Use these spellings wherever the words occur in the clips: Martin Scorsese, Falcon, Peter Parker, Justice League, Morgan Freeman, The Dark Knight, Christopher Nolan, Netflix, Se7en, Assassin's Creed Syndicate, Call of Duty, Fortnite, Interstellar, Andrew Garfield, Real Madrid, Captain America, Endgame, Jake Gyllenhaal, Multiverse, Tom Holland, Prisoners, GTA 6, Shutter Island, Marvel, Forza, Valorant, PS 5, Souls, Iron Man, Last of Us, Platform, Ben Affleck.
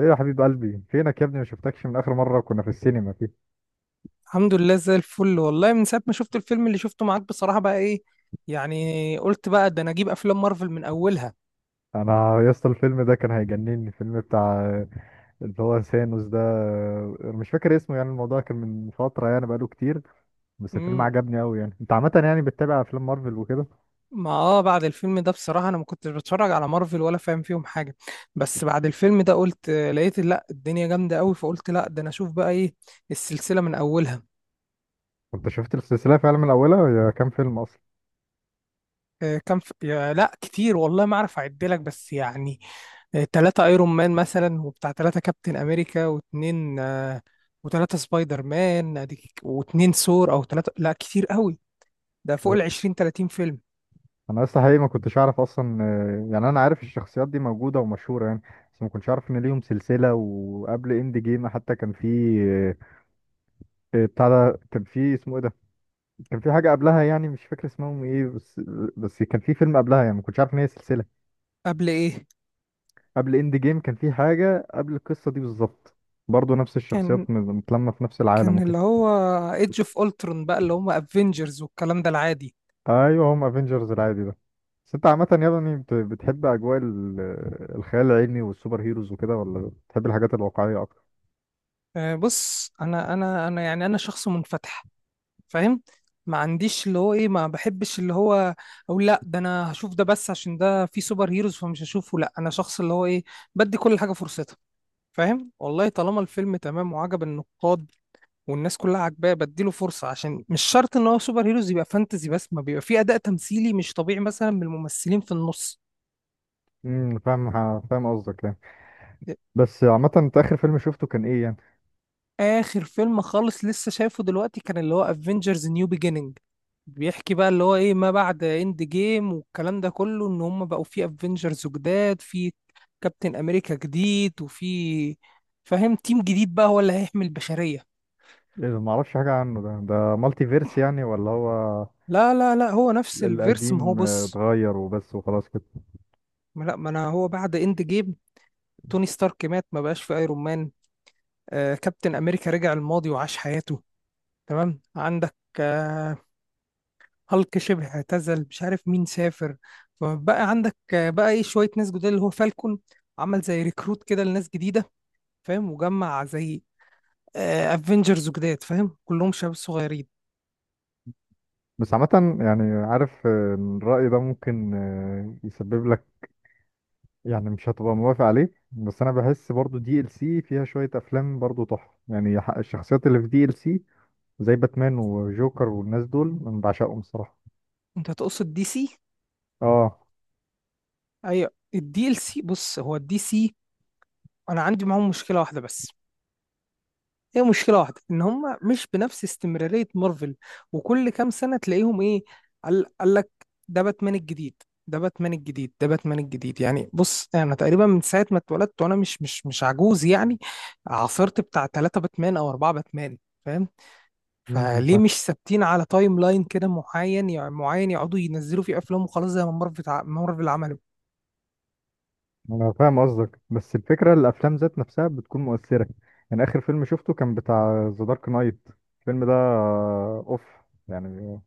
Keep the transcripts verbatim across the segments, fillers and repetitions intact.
ايه يا حبيب قلبي؟ فينك يا ابني، ما شفتكش من اخر مره كنا في السينما فيه. الحمد لله، زي الفل والله. من ساعة ما شفت الفيلم اللي شفته معاك بصراحة، بقى ايه يعني، قلت بقى ده انا اجيب افلام مارفل من اولها. انا يا اسطى الفيلم ده كان هيجنني، الفيلم بتاع اللي هو ثانوس ده، مش فاكر اسمه. يعني الموضوع كان من فتره، يعني بقاله كتير، بس الفيلم امم عجبني قوي. يعني انت عامه يعني بتتابع افلام مارفل وكده؟ ما اه بعد الفيلم ده بصراحة انا ما كنتش بتفرج على مارفل ولا فاهم فيهم حاجة. بس بعد الفيلم ده قلت آه، لقيت لا الدنيا جامدة قوي، فقلت لا، ده انا اشوف بقى ايه السلسلة من اولها. انت شفت السلسله فعلا من اولها؟ هي كام فيلم اصلا؟ آه، كان في يا لا كتير والله ما اعرف اعدلك بس يعني. آه، تلاتة ايرون مان مثلا، وبتاع تلاتة كابتن امريكا، واتنين، آه، وتلاتة سبايدر مان، أديك- واتنين ثور او تلاتة، لا كتير قوي. ده فوق ب- ال عشرين تلاتين فيلم. انا لسه حقيقي ما كنتش اعرف اصلا، آه، يعني انا عارف الشخصيات دي موجوده ومشهوره يعني، بس ما كنتش اعرف ان ليهم سلسله. وقبل اند جيم حتى كان في، آه، آه، بتاع ده، كان في اسمه ايه ده؟ كان في حاجة قبلها، يعني مش فاكر اسمهم ايه، بس بس كان في فيلم قبلها، يعني ما كنتش عارف ان هي سلسلة. قبل ايه؟ قبل اند جيم كان في حاجة قبل القصة دي بالظبط، برضه نفس كان الشخصيات م- متلمة في نفس العالم كان وكده. اللي هو ايدج اوف اولترون بقى، اللي هم افنجرز والكلام ده العادي. ايوه، هم افنجرز العادي ده. بس انت عامة يا ابني بت- بتحب اجواء ال- الخيال العلمي والسوبر هيروز وكده، ولا بتحب الحاجات الواقعية اكتر؟ آه، بص، انا انا انا يعني انا شخص منفتح، فاهم؟ ما عنديش اللي هو ايه، ما بحبش اللي هو اقول لا ده انا هشوف ده بس عشان ده فيه سوبر هيروز فمش هشوفه. لا، انا شخص اللي هو ايه، بدي كل حاجة فرصتها، فاهم؟ والله طالما الفيلم تمام وعجب النقاد والناس كلها عاجباه، بديله فرصه، عشان مش شرط ان هو سوبر هيروز يبقى فانتزي، بس ما بيبقى فيه اداء تمثيلي مش طبيعي مثلا من الممثلين في النص. امم فاهم، فاهم قصدك يعني. بس عامة، انت اخر فيلم شفته كان ايه يعني؟ اخر فيلم خالص لسه شايفه دلوقتي كان اللي هو افنجرز نيو بيجيننج. بيحكي بقى اللي هو ايه، ما بعد اند جيم والكلام ده كله، ان هم بقوا في افنجرز جداد، في كابتن امريكا جديد، وفي فاهم تيم جديد بقى هو اللي هيحمي البشرية. ايه ده، معرفش حاجة عنه. ده ده مالتي فيرس يعني، ولا هو لا لا لا، هو نفس الفيرس، ما هو القديم آه، بص، اتغير وبس وخلاص كده؟ ما لا ما انا هو بعد اند جيم، توني ستارك مات ما بقاش في ايرون مان. آه، كابتن امريكا رجع الماضي وعاش حياته، تمام. عندك آه، هالك شبه اعتزل، مش عارف مين سافر. فبقى عندك آه، بقى ايه، شويه ناس جداد، اللي هو فالكون عمل زي ريكروت كده لناس جديده، فاهم؟ وجمع زي افنجرز جداد، فاهم؟ كلهم شباب صغيرين. بس عامة يعني، عارف آه، إن الرأي ده ممكن آه، يسبب لك يعني مش هتبقى موافق عليه، بس أنا بحس برضو دي ال سي فيها شوية أفلام برضو تحفة يعني. ح- الشخصيات اللي في دي ال سي زي باتمان وجوكر والناس دول أنا بعشقهم الصراحة. انت تقصد دي سي؟ اه. اي، الدي ال سي. بص، هو الدي سي انا عندي معاهم مشكله واحده بس. هي مشكلة واحدة إن هم مش بنفس استمرارية مارفل، وكل كام سنة تلاقيهم إيه، قال قال لك ده باتمان الجديد، ده باتمان الجديد، ده باتمان الجديد. يعني بص، أنا تقريبا من ساعة ما اتولدت، وأنا مش مش مش عجوز يعني، عاصرت بتاع ثلاثة باتمان أو أربعة باتمان، فاهم؟ مم، أنا فليه فاهم، مش ثابتين على تايم لاين كده معين، يعني معين يقعدوا ينزلوا فيه أفلام وخلاص، زي ما مارفل ع- مارفل عملوا. أنا فاهم قصدك، بس الفكرة الأفلام ذات نفسها بتكون مؤثرة. يعني آخر فيلم شفته كان بتاع ذا دارك نايت، الفيلم ده آه، أوف يعني،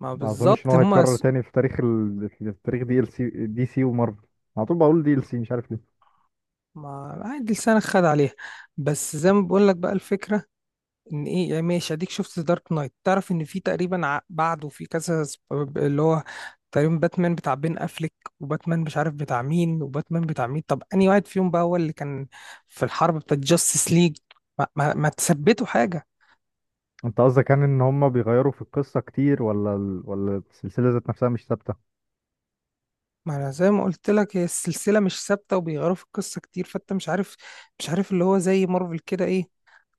ما ما اظنش ان بالظبط هو هم. هيتكرر تاني في تاريخ ال... في تاريخ دي ال سي. دي سي ومارفل، على طول بقول دي ال سي، مش عارف ليه. ما عادي، لسانك خد عليها. بس زي ما بقول لك بقى، الفكرة ان ايه يعني، ماشي، اديك شفت دارك نايت، تعرف ان في تقريبا ع- بعده في كذا سب- اللي هو تقريبا باتمان بتاع بين افليك، وباتمان مش عارف بتاع مين، وباتمان بتاع مين. طب انهي واحد فيهم بقى هو اللي كان في الحرب بتاعت جاستس ليج؟ ما, ما, ما تثبتوا حاجه. انت قصدك كان ان هم بيغيروا في القصه كتير، ولا ال... ولا السلسله ذات نفسها مش ثابته؟ ما انا زي ما قلت لك، هي السلسله مش ثابته وبيغيروا في القصه كتير، فانت مش عارف. مش عارف اللي هو زي مارفل كده ايه،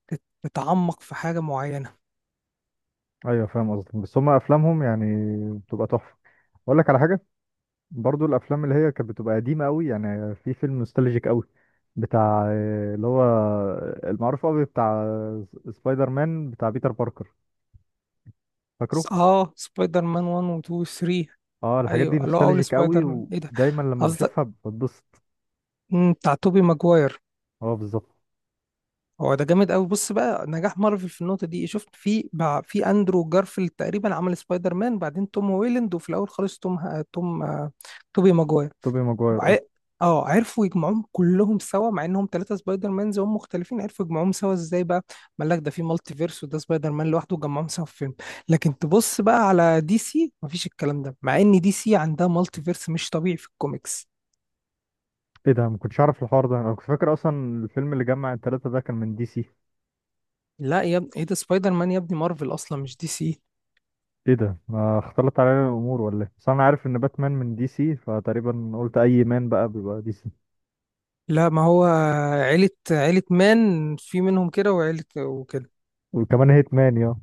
تت- تتعمق في حاجه معينه. ايوه فاهم قصدك، بس هم افلامهم يعني بتبقى تحفه. اقول لك على حاجه، برضو الافلام اللي هي كانت بتبقى قديمه قوي، يعني في فيلم نوستالجيك قوي بتاع آه، اللي هو المعروف قوي بتاع س- سبايدر مان بتاع بيتر باركر، س- فاكره؟ اه، سبايدر مان واحد و اتنين و تلاتة. اه الحاجات دي ايوه، اللي هو اول نوستالجيك قوي، سبايدر مان ايه ده، ودايما لما بشوفها بتبسط. مم، بتاع توبي ماجواير. اه بالظبط. هو ده جامد قوي. بص بقى، نجاح مارفل في النقطه دي، شفت في بع- في اندرو جارفيلد تقريبا عمل سبايدر مان، بعدين توم هويلاند، وفي الاول خالص توم ه- توم آه، توبي ماجواير. توبي ماجواير، ع- اه. اه، عرفوا يجمعوهم كلهم سوا، مع انهم ثلاثه سبايدر مانز وهم مختلفين، عرفوا يجمعوهم سوا ازاي بقى. قال لك ده في مالتي فيرس، وده سبايدر مان لوحده، وجمعهم سوا في فيلم. لكن تبص بقى على دي سي، مفيش الكلام ده، مع ان دي سي عندها مالتي فيرس مش طبيعي في الكوميكس. ايه ده، ما كنتش اعرف الحوار ده، انا كنت فاكر اصلا الفيلم اللي جمع التلاتة ده كان من دي سي. لا يا ابني، ايه ده، سبايدر مان يا ابني مارفل اصلا، مش دي سي. ايه ده، ما اختلط علينا الامور ولا ايه؟ بس انا عارف ان باتمان من دي سي، فتقريبا قلت اي مان بقى بيبقى دي سي. لا، ما هو عيلة، عيلة مان في منهم كده، وعيلة وكده. وكمان هيت مان يا.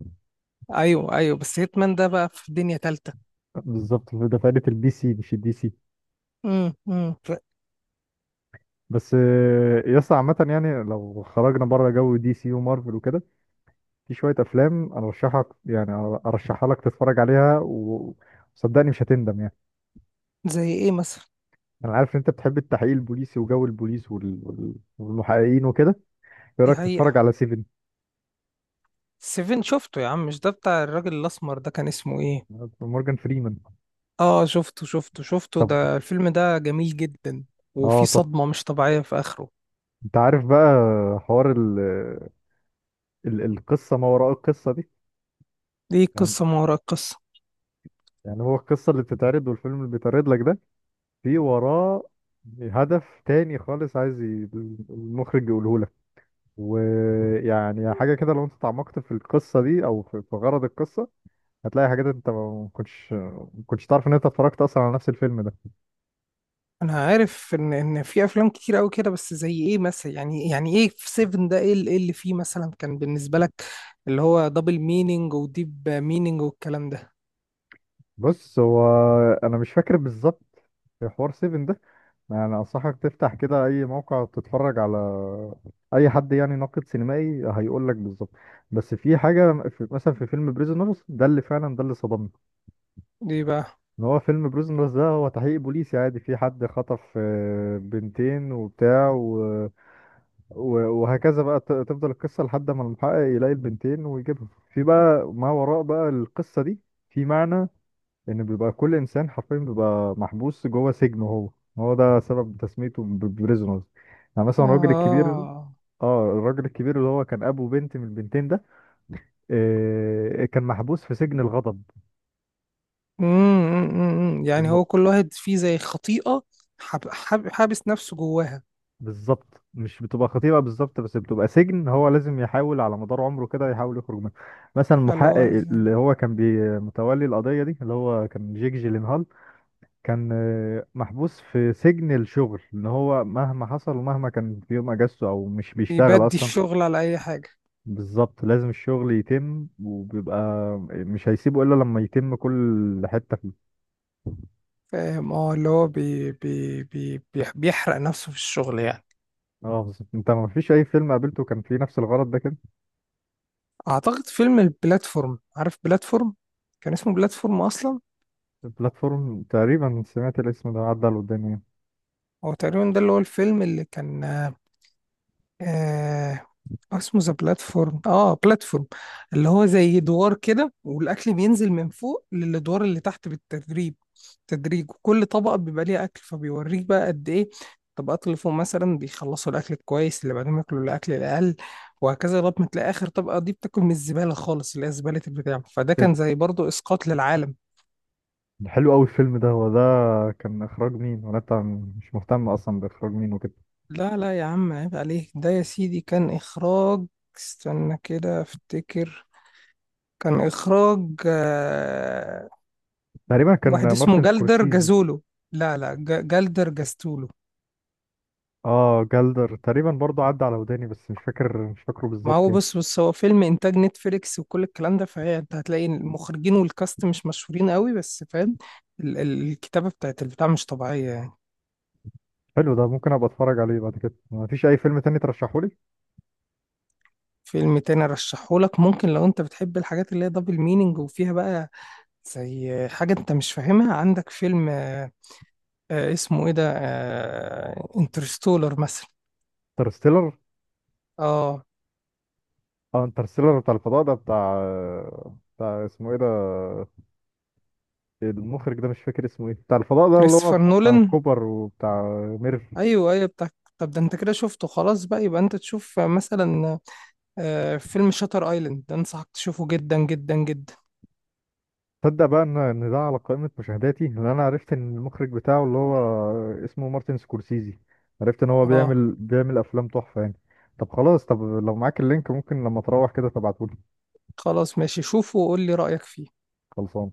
ايوه ايوه، بس هيتمان ده بقى في دنيا تالتة. بالظبط ده فائدة البي سي مش الدي سي. امم امم ف- بس آه، يا اسطى عامة يعني، لو خرجنا بره جو دي سي ومارفل وكده، في شوية أفلام أرشحك يعني، أرشحها لك تتفرج عليها و- وصدقني مش هتندم يعني. زي ايه مثلا. أنا عارف إن أنت بتحب التحقيق البوليسي وجو البوليس وال- وال- والمحققين وكده. ايه دي رايك تتفرج حقيقة. على سيفن؟ سيفن شفته يا عم، مش ده بتاع الراجل الاسمر ده، كان اسمه ايه؟ مورجان فريمان. اه شفته شفته شفته، طب، ده الفيلم ده جميل جدا. وفي اه تحفه. صدمة مش طبيعية في اخره. انت عارف بقى حوار ال... ال... القصه ما وراء القصه دي دي يعني؟ قصة ما وراء القصة. يعني هو القصه اللي بتتعرض والفيلم اللي بيتعرض لك ده، في وراه هدف تاني خالص، عايز ي- المخرج يقوله لك. ويعني حاجه كده، لو انت اتعمقت في القصه دي او في في غرض القصه، هتلاقي حاجات انت ما كنتش ما كنتش تعرف ان انت اتفرجت اصلا على نفس الفيلم ده. انا عارف ان ان في افلام كتير قوي كده، بس زي ايه مثلا يعني يعني ايه في سفن ده، ايه اللي إيه اللي فيه مثلا كان بالنسبه لك، اللي هو دبل مينينج وديب مينينج والكلام ده. بص هو، انا مش فاكر بالظبط حوار سيفن يعني. انصحك تفتح كده اي موقع تتفرج على اي حد يعني ناقد سينمائي، هيقول لك بالظبط. بس في حاجه، في مثلا في فيلم بريزونرز ده اللي فعلا ده اللي صدمني. ليه بقى؟ ان هو فيلم بريزونرز ده هو تحقيق بوليسي عادي، في حد خطف آه، بنتين وبتاع و... و... وهكذا بقى. ت- تفضل القصه لحد ما المحقق يلاقي البنتين ويجيبهم. في بقى ما وراء بقى القصه دي، في معنى، لان بيبقى كل انسان حرفيا بيبقى محبوس جوه سجن هو، هو ده سبب تسميته بريزونرز. يعني مثلا الراجل الكبير، اه. اه الراجل الكبير اللي هو كان ابو بنت من البنتين ده، آه كان محبوس في سجن الغضب. امم إمم، إمم، إمم. يعني الم... هو كل واحد فيه زي خطيئه، حاب حاب حابس نفسه جواها. بالظبط، مش بتبقى خطيبة بالظبط، بس بتبقى سجن هو لازم يحاول على مدار عمره كده يحاول يخرج منه. مثلا اللي المحقق هو زي- اللي هو كان بي- متولي القضية دي اللي هو كان جيك جيلينهال، كان آه، محبوس في سجن الشغل، ان هو مهما حصل ومهما كان في يوم اجازته او مش بيشتغل بيبدي اصلا. الشغل على اي حاجه. بالظبط، لازم الشغل يتم، وبيبقى مش هيسيبه الا لما يتم كل حتة فيه. فاهم، اه، اللي هو بي بي بي بيح- بيحرق نفسه في الشغل يعني. اه بالظبط. انت ما فيش اي فيلم قابلته كان فيه نفس الغرض ده كده؟ اعتقد فيلم البلاتفورم، عارف بلاتفورم؟ كان اسمه بلاتفورم اصلا. بلاتفورم، تقريبا سمعت الاسم ده عدى على قدامي. هو تقريبا ده اللي هو الفيلم اللي كان آه آه، اسمه ذا بلاتفورم، اه بلاتفورم، اللي هو زي دوار كده، والاكل بينزل من فوق للادوار اللي تحت، بالتدريب، تدريج. وكل طبقه بيبقى ليها اكل، فبيوريك بقى قد ايه الطبقات اللي فوق مثلا بيخلصوا الاكل الكويس، اللي بعدهم ياكلوا الاكل الاقل، وهكذا لغايه ما تلاقي اخر طبقه دي بتاكل من الزباله خالص اللي هي زباله البتاع. فده كان زي برضه اسقاط للعالم. حلو قوي الفيلم ده، هو ده كان اخراج مين؟ وانا طبعاً مش مهتم اصلا باخراج مين وكده. لا لا يا عم، عيب عليك. ده يا سيدي كان اخراج، استنى كده افتكر، كان إخراج، آه، تقريبا واحد كان اسمه مارتن جلدر سكورسيزي. جازولو. لا لا، ج- جلدر جاستولو. اه جلدر، تقريبا برضه عدى على وداني، بس مش فاكر، مش فاكره ما بالظبط هو يعني. بص بص، هو فيلم إنتاج نتفليكس وكل الكلام ده، فهي أنت هتلاقي المخرجين والكاست مش مشهورين قوي، بس فاهم، ال- ال- الكتابة بتاعت البتاع مش طبيعية يعني. حلو، ده ممكن ابقى اتفرج عليه بعد كده. ما فيش اي فيلم تاني ترشحه لي؟ فيلم تاني أرشحهولك ممكن، لو أنت بتحب الحاجات اللي هي دبل مينينج وفيها بقى زي حاجة أنت مش فاهمها، عندك فيلم آه، آه، اسمه إيه ده، انترستولر مثلا. انترستيلر. اه، اه انترستيلر بتاع الفضاء ده، بتاع بتاع اسمه ايه ده المخرج ده، مش فاكر اسمه ايه، بتاع الفضاء ده اللي هو كريستوفر بتاع نولان. كوبر وبتاع ميرف. ايوه ايوه، بتاع. طب ده انت كده شفته خلاص بقى، يبقى انت تشوف مثلا آه، فيلم شاتر ايلاند، ده انصحك تشوفه جدا جدا جدا. تصدق بقى ان ان ده على قائمة مشاهداتي، لان انا عرفت ان المخرج بتاعه اللي هو اسمه مارتن سكورسيزي، عرفت ان هو بيعمل اه بيعمل افلام تحفة يعني. طب خلاص، طب لو معاك اللينك ممكن لما تروح كده تبعتهولي. خلاص ماشي، شوفه وقول لي رأيك فيه. خلصان.